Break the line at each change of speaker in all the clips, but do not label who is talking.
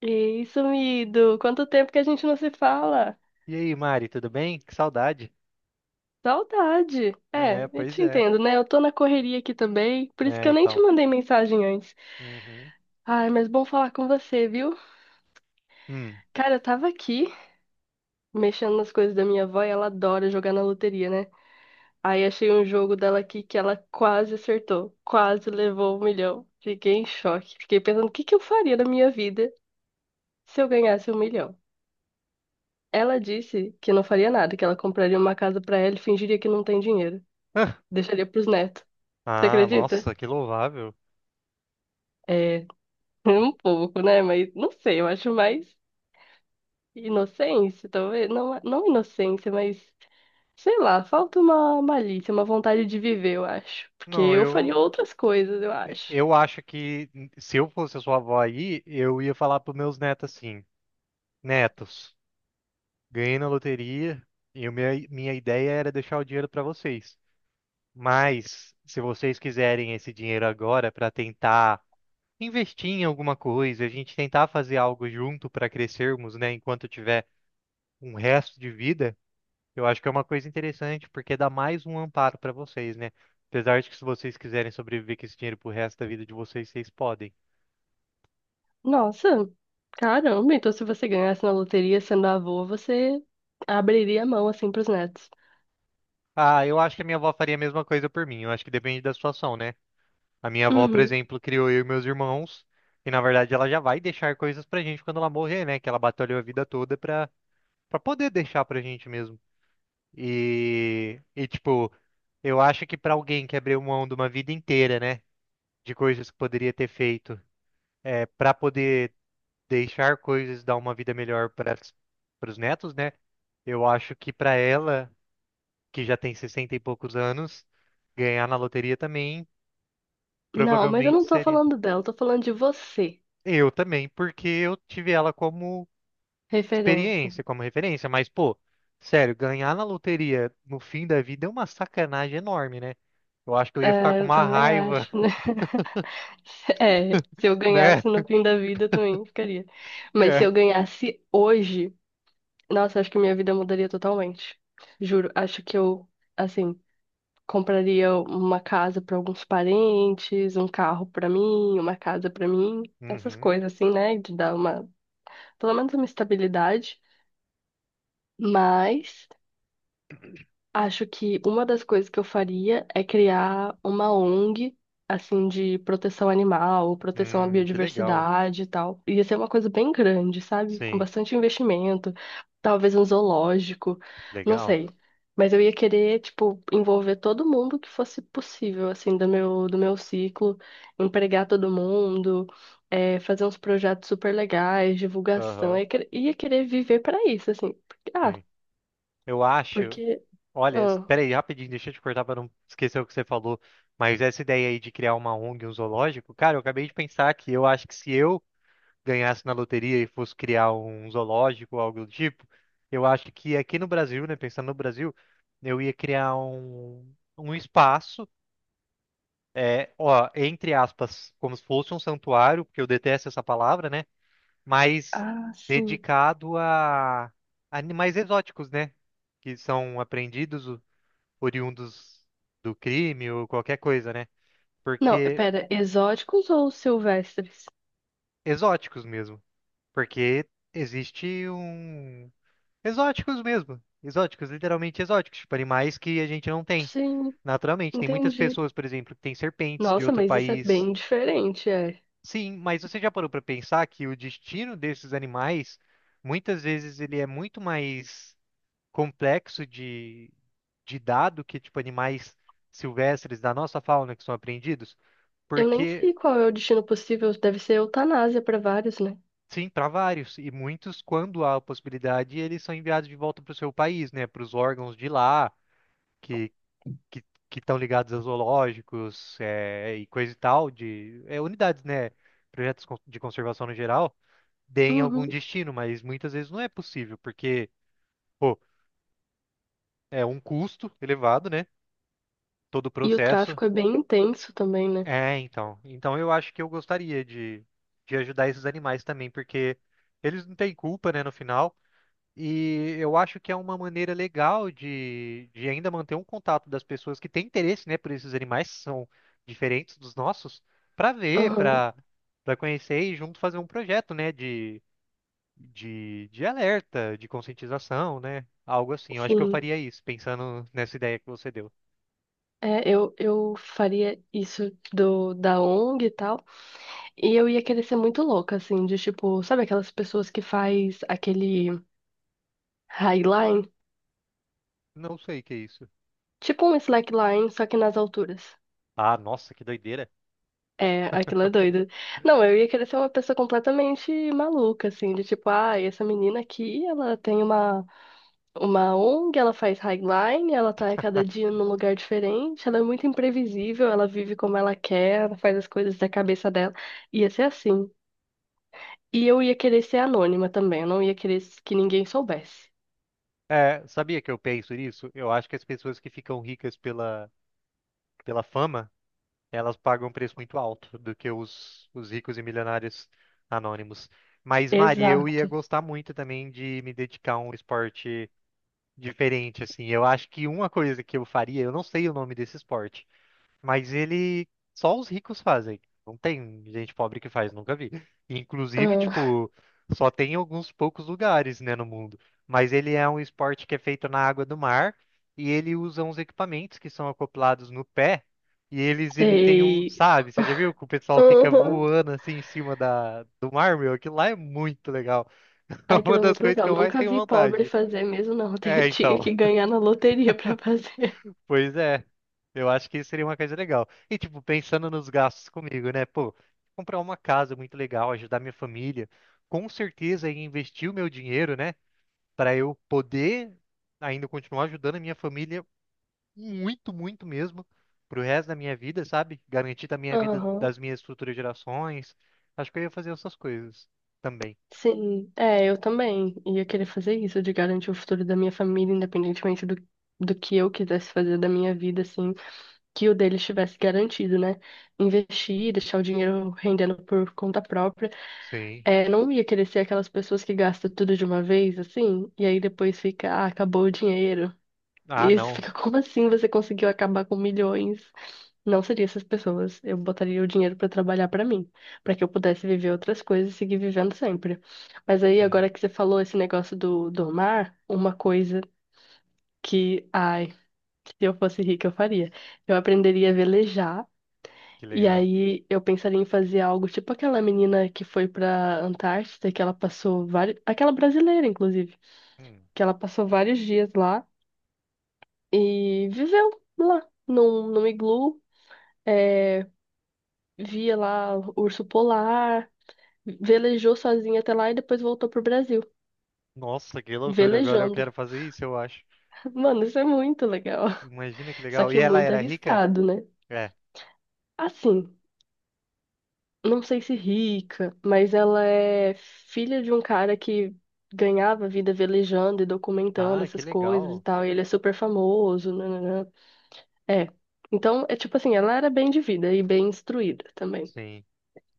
E isso, sumido, quanto tempo que a gente não se fala?
E aí, Mari, tudo bem? Que saudade.
Saudade. É,
É,
eu
pois
te
é.
entendo, né? Eu tô na correria aqui também, por isso que
É,
eu nem te
então.
mandei mensagem antes.
Uhum.
Ai, mas bom falar com você, viu?
Hum.
Cara, eu tava aqui mexendo nas coisas da minha avó e ela adora jogar na loteria, né? Aí achei um jogo dela aqui que ela quase acertou, quase levou um milhão. Fiquei em choque, fiquei pensando o que que eu faria na minha vida se eu ganhasse um milhão. Ela disse que não faria nada, que ela compraria uma casa pra ela e fingiria que não tem dinheiro.
Ah,
Deixaria pros netos. Você
ah,
acredita?
nossa, que louvável.
É, um pouco, né? Mas não sei, eu acho mais inocência, talvez. Não, não inocência, mas sei lá, falta uma malícia, uma vontade de viver, eu acho. Porque
Não,
eu faria
eu
outras coisas, eu acho.
eu acho que se eu fosse a sua avó aí, eu ia falar pros meus netos assim: Netos, ganhei na loteria e minha ideia era deixar o dinheiro para vocês. Mas, se vocês quiserem esse dinheiro agora para tentar investir em alguma coisa, a gente tentar fazer algo junto para crescermos, né, enquanto eu tiver um resto de vida. Eu acho que é uma coisa interessante, porque dá mais um amparo para vocês, né? Apesar de que se vocês quiserem sobreviver com esse dinheiro pro resto da vida de vocês, vocês podem.
Nossa, caramba, então se você ganhasse na loteria sendo avô, você abriria a mão assim pros netos.
Ah, eu acho que a minha avó faria a mesma coisa por mim. Eu acho que depende da situação, né? A minha avó, por
Uhum.
exemplo, criou eu e meus irmãos, e na verdade ela já vai deixar coisas pra gente quando ela morrer, né? Que ela batalhou a vida toda pra, poder deixar pra gente mesmo. E tipo, eu acho que pra alguém que abriu mão de uma vida inteira, né? De coisas que poderia ter feito para poder deixar coisas, dar uma vida melhor para os netos, né? Eu acho que para ela, que já tem 60 e poucos anos, ganhar na loteria também
Não, mas eu
provavelmente
não tô
seria.
falando dela, eu tô falando de você.
Eu também, porque eu tive ela como
Referência.
experiência, como referência, mas pô, sério, ganhar na loteria no fim da vida é uma sacanagem enorme, né? Eu acho que eu ia ficar
É,
com
eu
uma
também
raiva,
acho, né? É, se eu
né?
ganhasse no fim da vida, eu também ficaria. Mas se
É.
eu ganhasse hoje, nossa, acho que minha vida mudaria totalmente. Juro, acho que eu, assim, compraria uma casa para alguns parentes, um carro para mim, uma casa para mim, essas
Uhum.
coisas assim, né? De dar uma, pelo menos uma estabilidade. Mas acho que uma das coisas que eu faria é criar uma ONG, assim, de proteção animal, proteção à
Que legal.
biodiversidade e tal. Ia ser uma coisa bem grande, sabe? Com
Sim,
bastante investimento, talvez um zoológico, não
legal.
sei. Mas eu ia querer, tipo, envolver todo mundo que fosse possível, assim, do meu ciclo, empregar todo mundo, fazer uns projetos super legais, divulgação.
Aham,
Eu ia querer viver para isso, assim.
sim. Eu acho
Porque.
Olha,
ah,
espera aí, rapidinho, deixa eu te cortar para não esquecer o que você falou. Mas essa ideia aí de criar uma ONG, um zoológico, cara, eu acabei de pensar que eu acho que se eu ganhasse na loteria e fosse criar um zoológico ou algo do tipo, eu acho que aqui no Brasil, né, pensando no Brasil, eu ia criar um espaço, é, ó, entre aspas, como se fosse um santuário, porque eu detesto essa palavra, né, mas
Ah, sim.
dedicado a animais exóticos, né, que são apreendidos oriundos do crime ou qualquer coisa, né?
Não,
Porque
pera, exóticos ou silvestres?
exóticos mesmo. Porque existe um. Exóticos mesmo. Exóticos, literalmente exóticos. Tipo, animais que a gente não tem
Sim,
naturalmente. Tem muitas
entendi.
pessoas, por exemplo, que têm serpentes de
Nossa,
outro
mas isso é
país.
bem diferente, é.
Sim, mas você já parou para pensar que o destino desses animais, muitas vezes, ele é muito mais complexo de, dado que, tipo, animais silvestres da nossa fauna que são apreendidos?
Eu nem
Porque
sei qual é o destino possível, deve ser eutanásia para vários, né?
sim, para vários. E muitos, quando há a possibilidade, eles são enviados de volta para o seu país, né? Para os órgãos de lá, que que que estão ligados a zoológicos é, e coisa e tal, de é, unidades, né? Projetos de conservação no geral, deem algum
Uhum.
destino, mas muitas vezes não é possível, porque, pô, é um custo elevado, né? Todo o
E o
processo.
tráfico é bem intenso também, né?
É, então. Então eu acho que eu gostaria de, ajudar esses animais também, porque eles não têm culpa, né, no final. E eu acho que é uma maneira legal de, ainda manter um contato das pessoas que têm interesse, né, por esses animais que são diferentes dos nossos, para ver,
Aham,
para conhecer e junto fazer um projeto, né, de, de alerta, de conscientização, né, algo assim. Eu acho que eu
sim.
faria isso, pensando nessa ideia que você deu.
É, eu faria isso do da ONG e tal, e eu ia querer ser muito louca, assim, de tipo, sabe aquelas pessoas que faz aquele highline?
Não sei o que é isso.
Tipo um slackline, só que nas alturas.
Ah, nossa, que doideira.
É, aquilo é doido. Não, eu ia querer ser uma pessoa completamente maluca, assim, de tipo, ah, essa menina aqui, ela tem uma ONG, ela faz highline, ela tá a cada dia num lugar diferente, ela é muito imprevisível, ela vive como ela quer, ela faz as coisas da cabeça dela. Ia ser assim. E eu ia querer ser anônima também, eu não ia querer que ninguém soubesse.
É, sabia que eu penso nisso? Eu acho que as pessoas que ficam ricas pela, fama elas pagam um preço muito alto do que os ricos e milionários anônimos. Mas, Mari, eu ia
Exato.
gostar muito também de me dedicar a um esporte diferente, assim. Eu acho que uma coisa que eu faria, eu não sei o nome desse esporte. Mas ele só os ricos fazem. Não tem gente pobre que faz, nunca vi. Inclusive,
Ah,
tipo, só tem em alguns poucos lugares, né, no mundo. Mas ele é um esporte que é feito na água do mar e ele usa uns equipamentos que são acoplados no pé e eles emitem um,
sei.
sabe? Você já viu que o pessoal fica
Uhum.
voando assim em cima da do mar, meu? Aquilo lá é muito legal. É
Aquilo
uma
é
das
muito
coisas
legal.
que eu mais
Nunca
tenho
vi pobre
vontade.
fazer mesmo, não.
É,
Tinha
então.
que ganhar na loteria pra fazer.
Pois é, eu acho que isso seria uma coisa legal. E, tipo, pensando nos gastos comigo, né? Pô, comprar uma casa muito legal, ajudar minha família, com certeza em investir o meu dinheiro, né? Para eu poder ainda continuar ajudando a minha família muito, muito mesmo, pro resto da minha vida, sabe? Garantir da minha vida,
Aham.
das minhas futuras gerações. Acho que eu ia fazer essas coisas também.
Sim, é, eu também ia querer fazer isso, de garantir o futuro da minha família, independentemente do que eu quisesse fazer da minha vida, assim, que o deles estivesse garantido, né? Investir, deixar o dinheiro rendendo por conta própria.
Sim.
É, não ia querer ser aquelas pessoas que gastam tudo de uma vez, assim, e aí depois fica, ah, acabou o dinheiro.
Ah,
E você
não.
fica, como assim você conseguiu acabar com milhões? Não seria essas pessoas. Eu botaria o dinheiro pra trabalhar pra mim, pra que eu pudesse viver outras coisas e seguir vivendo sempre. Mas aí,
Sim,
agora que você falou esse negócio do mar, uma coisa que, ai, se eu fosse rica, eu faria. Eu aprenderia a velejar.
que
E
legal.
aí eu pensaria em fazer algo tipo aquela menina que foi pra Antártida, que ela passou vários, aquela brasileira, inclusive,
Hum.
que ela passou vários dias lá. E viveu lá, num iglu, é, via lá o urso polar, velejou sozinha até lá e depois voltou pro Brasil,
Nossa, que loucura. Agora eu
velejando.
quero fazer isso, eu acho.
Mano, isso é muito legal.
Imagina que
Só
legal. E
que
ela
muito
era rica?
arriscado, né?
É.
Assim, não sei se rica, mas ela é filha de um cara que ganhava vida velejando e documentando
Ah, que
essas coisas e
legal.
tal, e ele é super famoso, né? É. Então, é tipo assim, ela era bem de vida e bem instruída também.
Sim.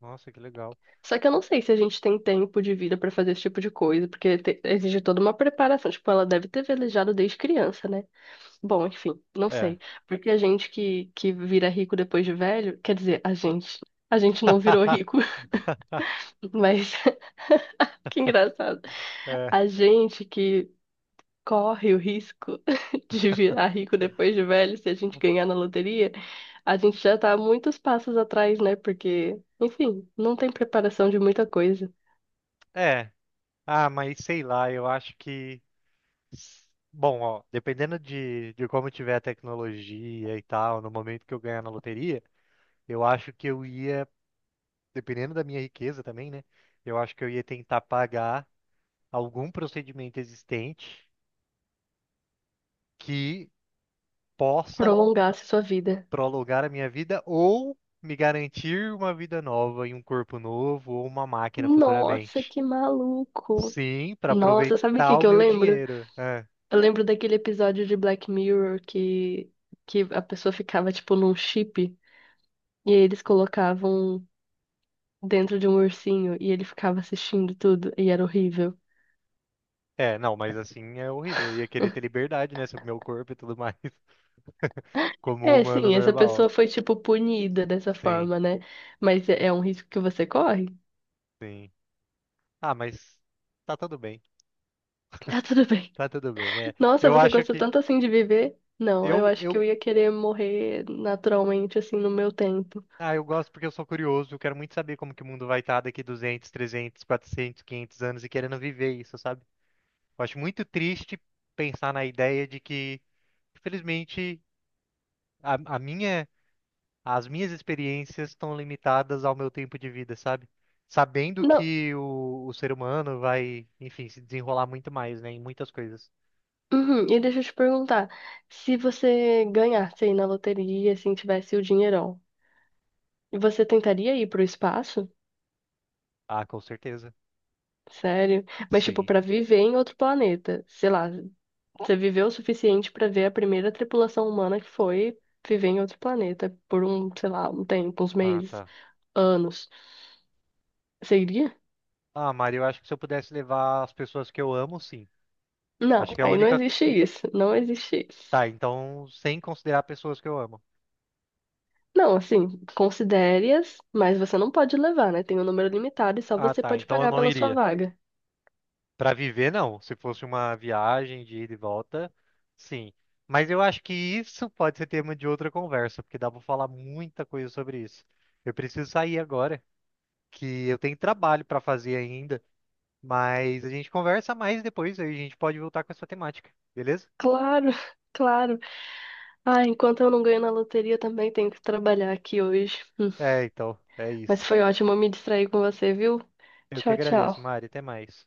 Nossa, que legal.
Só que eu não sei se a gente tem tempo de vida pra fazer esse tipo de coisa, porque exige toda uma preparação. Tipo, ela deve ter velejado desde criança, né? Bom, enfim, não
É.
sei. Porque a gente que vira rico depois de velho, quer dizer, a gente. A gente não virou rico, mas que engraçado.
É.
A gente que corre o risco de virar rico depois de velho, se a gente ganhar na loteria, a gente já tá muitos passos atrás, né? Porque, enfim, não tem preparação de muita coisa.
É. Ah, mas sei lá, eu acho que. Bom, ó, dependendo de, como tiver a tecnologia e tal, no momento que eu ganhar na loteria, eu acho que eu ia, dependendo da minha riqueza também, né? Eu acho que eu ia tentar pagar algum procedimento existente que possa
Prolongasse sua vida.
prolongar a minha vida ou me garantir uma vida nova e um corpo novo ou uma máquina
Nossa,
futuramente.
que maluco.
Sim, para
Nossa, sabe o
aproveitar
que
o
que eu
meu
lembro?
dinheiro. É.
Eu lembro daquele episódio de Black Mirror que a pessoa ficava, tipo, num chip e aí eles colocavam dentro de um ursinho e ele ficava assistindo tudo e era horrível.
É, não, mas assim é horrível. Eu ia querer ter liberdade, né, sobre meu corpo e tudo mais, como um
É,
humano
sim, essa pessoa
normal.
foi, tipo, punida dessa
Sim,
forma, né? Mas é um risco que você corre?
sim. Ah, mas tá tudo bem.
Tá tudo bem.
Tá tudo bem. É,
Nossa,
eu
você
acho
gosta
que
tanto assim de viver? Não, eu
eu
acho que
eu
eu ia querer morrer naturalmente, assim, no meu tempo.
eu gosto porque eu sou curioso, eu quero muito saber como que o mundo vai estar daqui 200, 300, 400, 500 anos e querendo viver isso, sabe? Eu acho muito triste pensar na ideia de que, infelizmente, a, a minha, as minhas experiências estão limitadas ao meu tempo de vida, sabe? Sabendo
Não,
que o ser humano vai, enfim, se desenrolar muito mais, né, em muitas coisas.
uhum, e deixa eu te perguntar, se você ganhasse aí na loteria, assim, tivesse o dinheirão, você tentaria ir pro espaço?
Ah, com certeza.
Sério? Mas, tipo,
Sim.
pra viver em outro planeta. Sei lá, você viveu o suficiente pra ver a primeira tripulação humana que foi viver em outro planeta por um, sei lá, um tempo, uns
Ah,
meses,
tá.
anos. Você iria?
Ah, Mari, eu acho que se eu pudesse levar as pessoas que eu amo, sim.
Não,
Acho que é a
aí não
única.
existe isso. Não existe isso.
Tá, então, sem considerar pessoas que eu amo.
Não, assim, considere-as, mas você não pode levar, né? Tem um número limitado e só
Ah,
você
tá.
pode
Então eu
pagar
não
pela sua
iria.
vaga.
Para viver, não. Se fosse uma viagem de ida e volta, sim. Mas eu acho que isso pode ser tema de outra conversa, porque dá para falar muita coisa sobre isso. Eu preciso sair agora, que eu tenho trabalho para fazer ainda, mas a gente conversa mais depois, aí a gente pode voltar com essa temática, beleza?
Claro, claro. Ah, enquanto eu não ganho na loteria, também tenho que trabalhar aqui hoje.
É, então, é
Mas
isso.
foi ótimo me distrair com você, viu?
Eu que
Tchau,
agradeço,
tchau.
Mari. Até mais.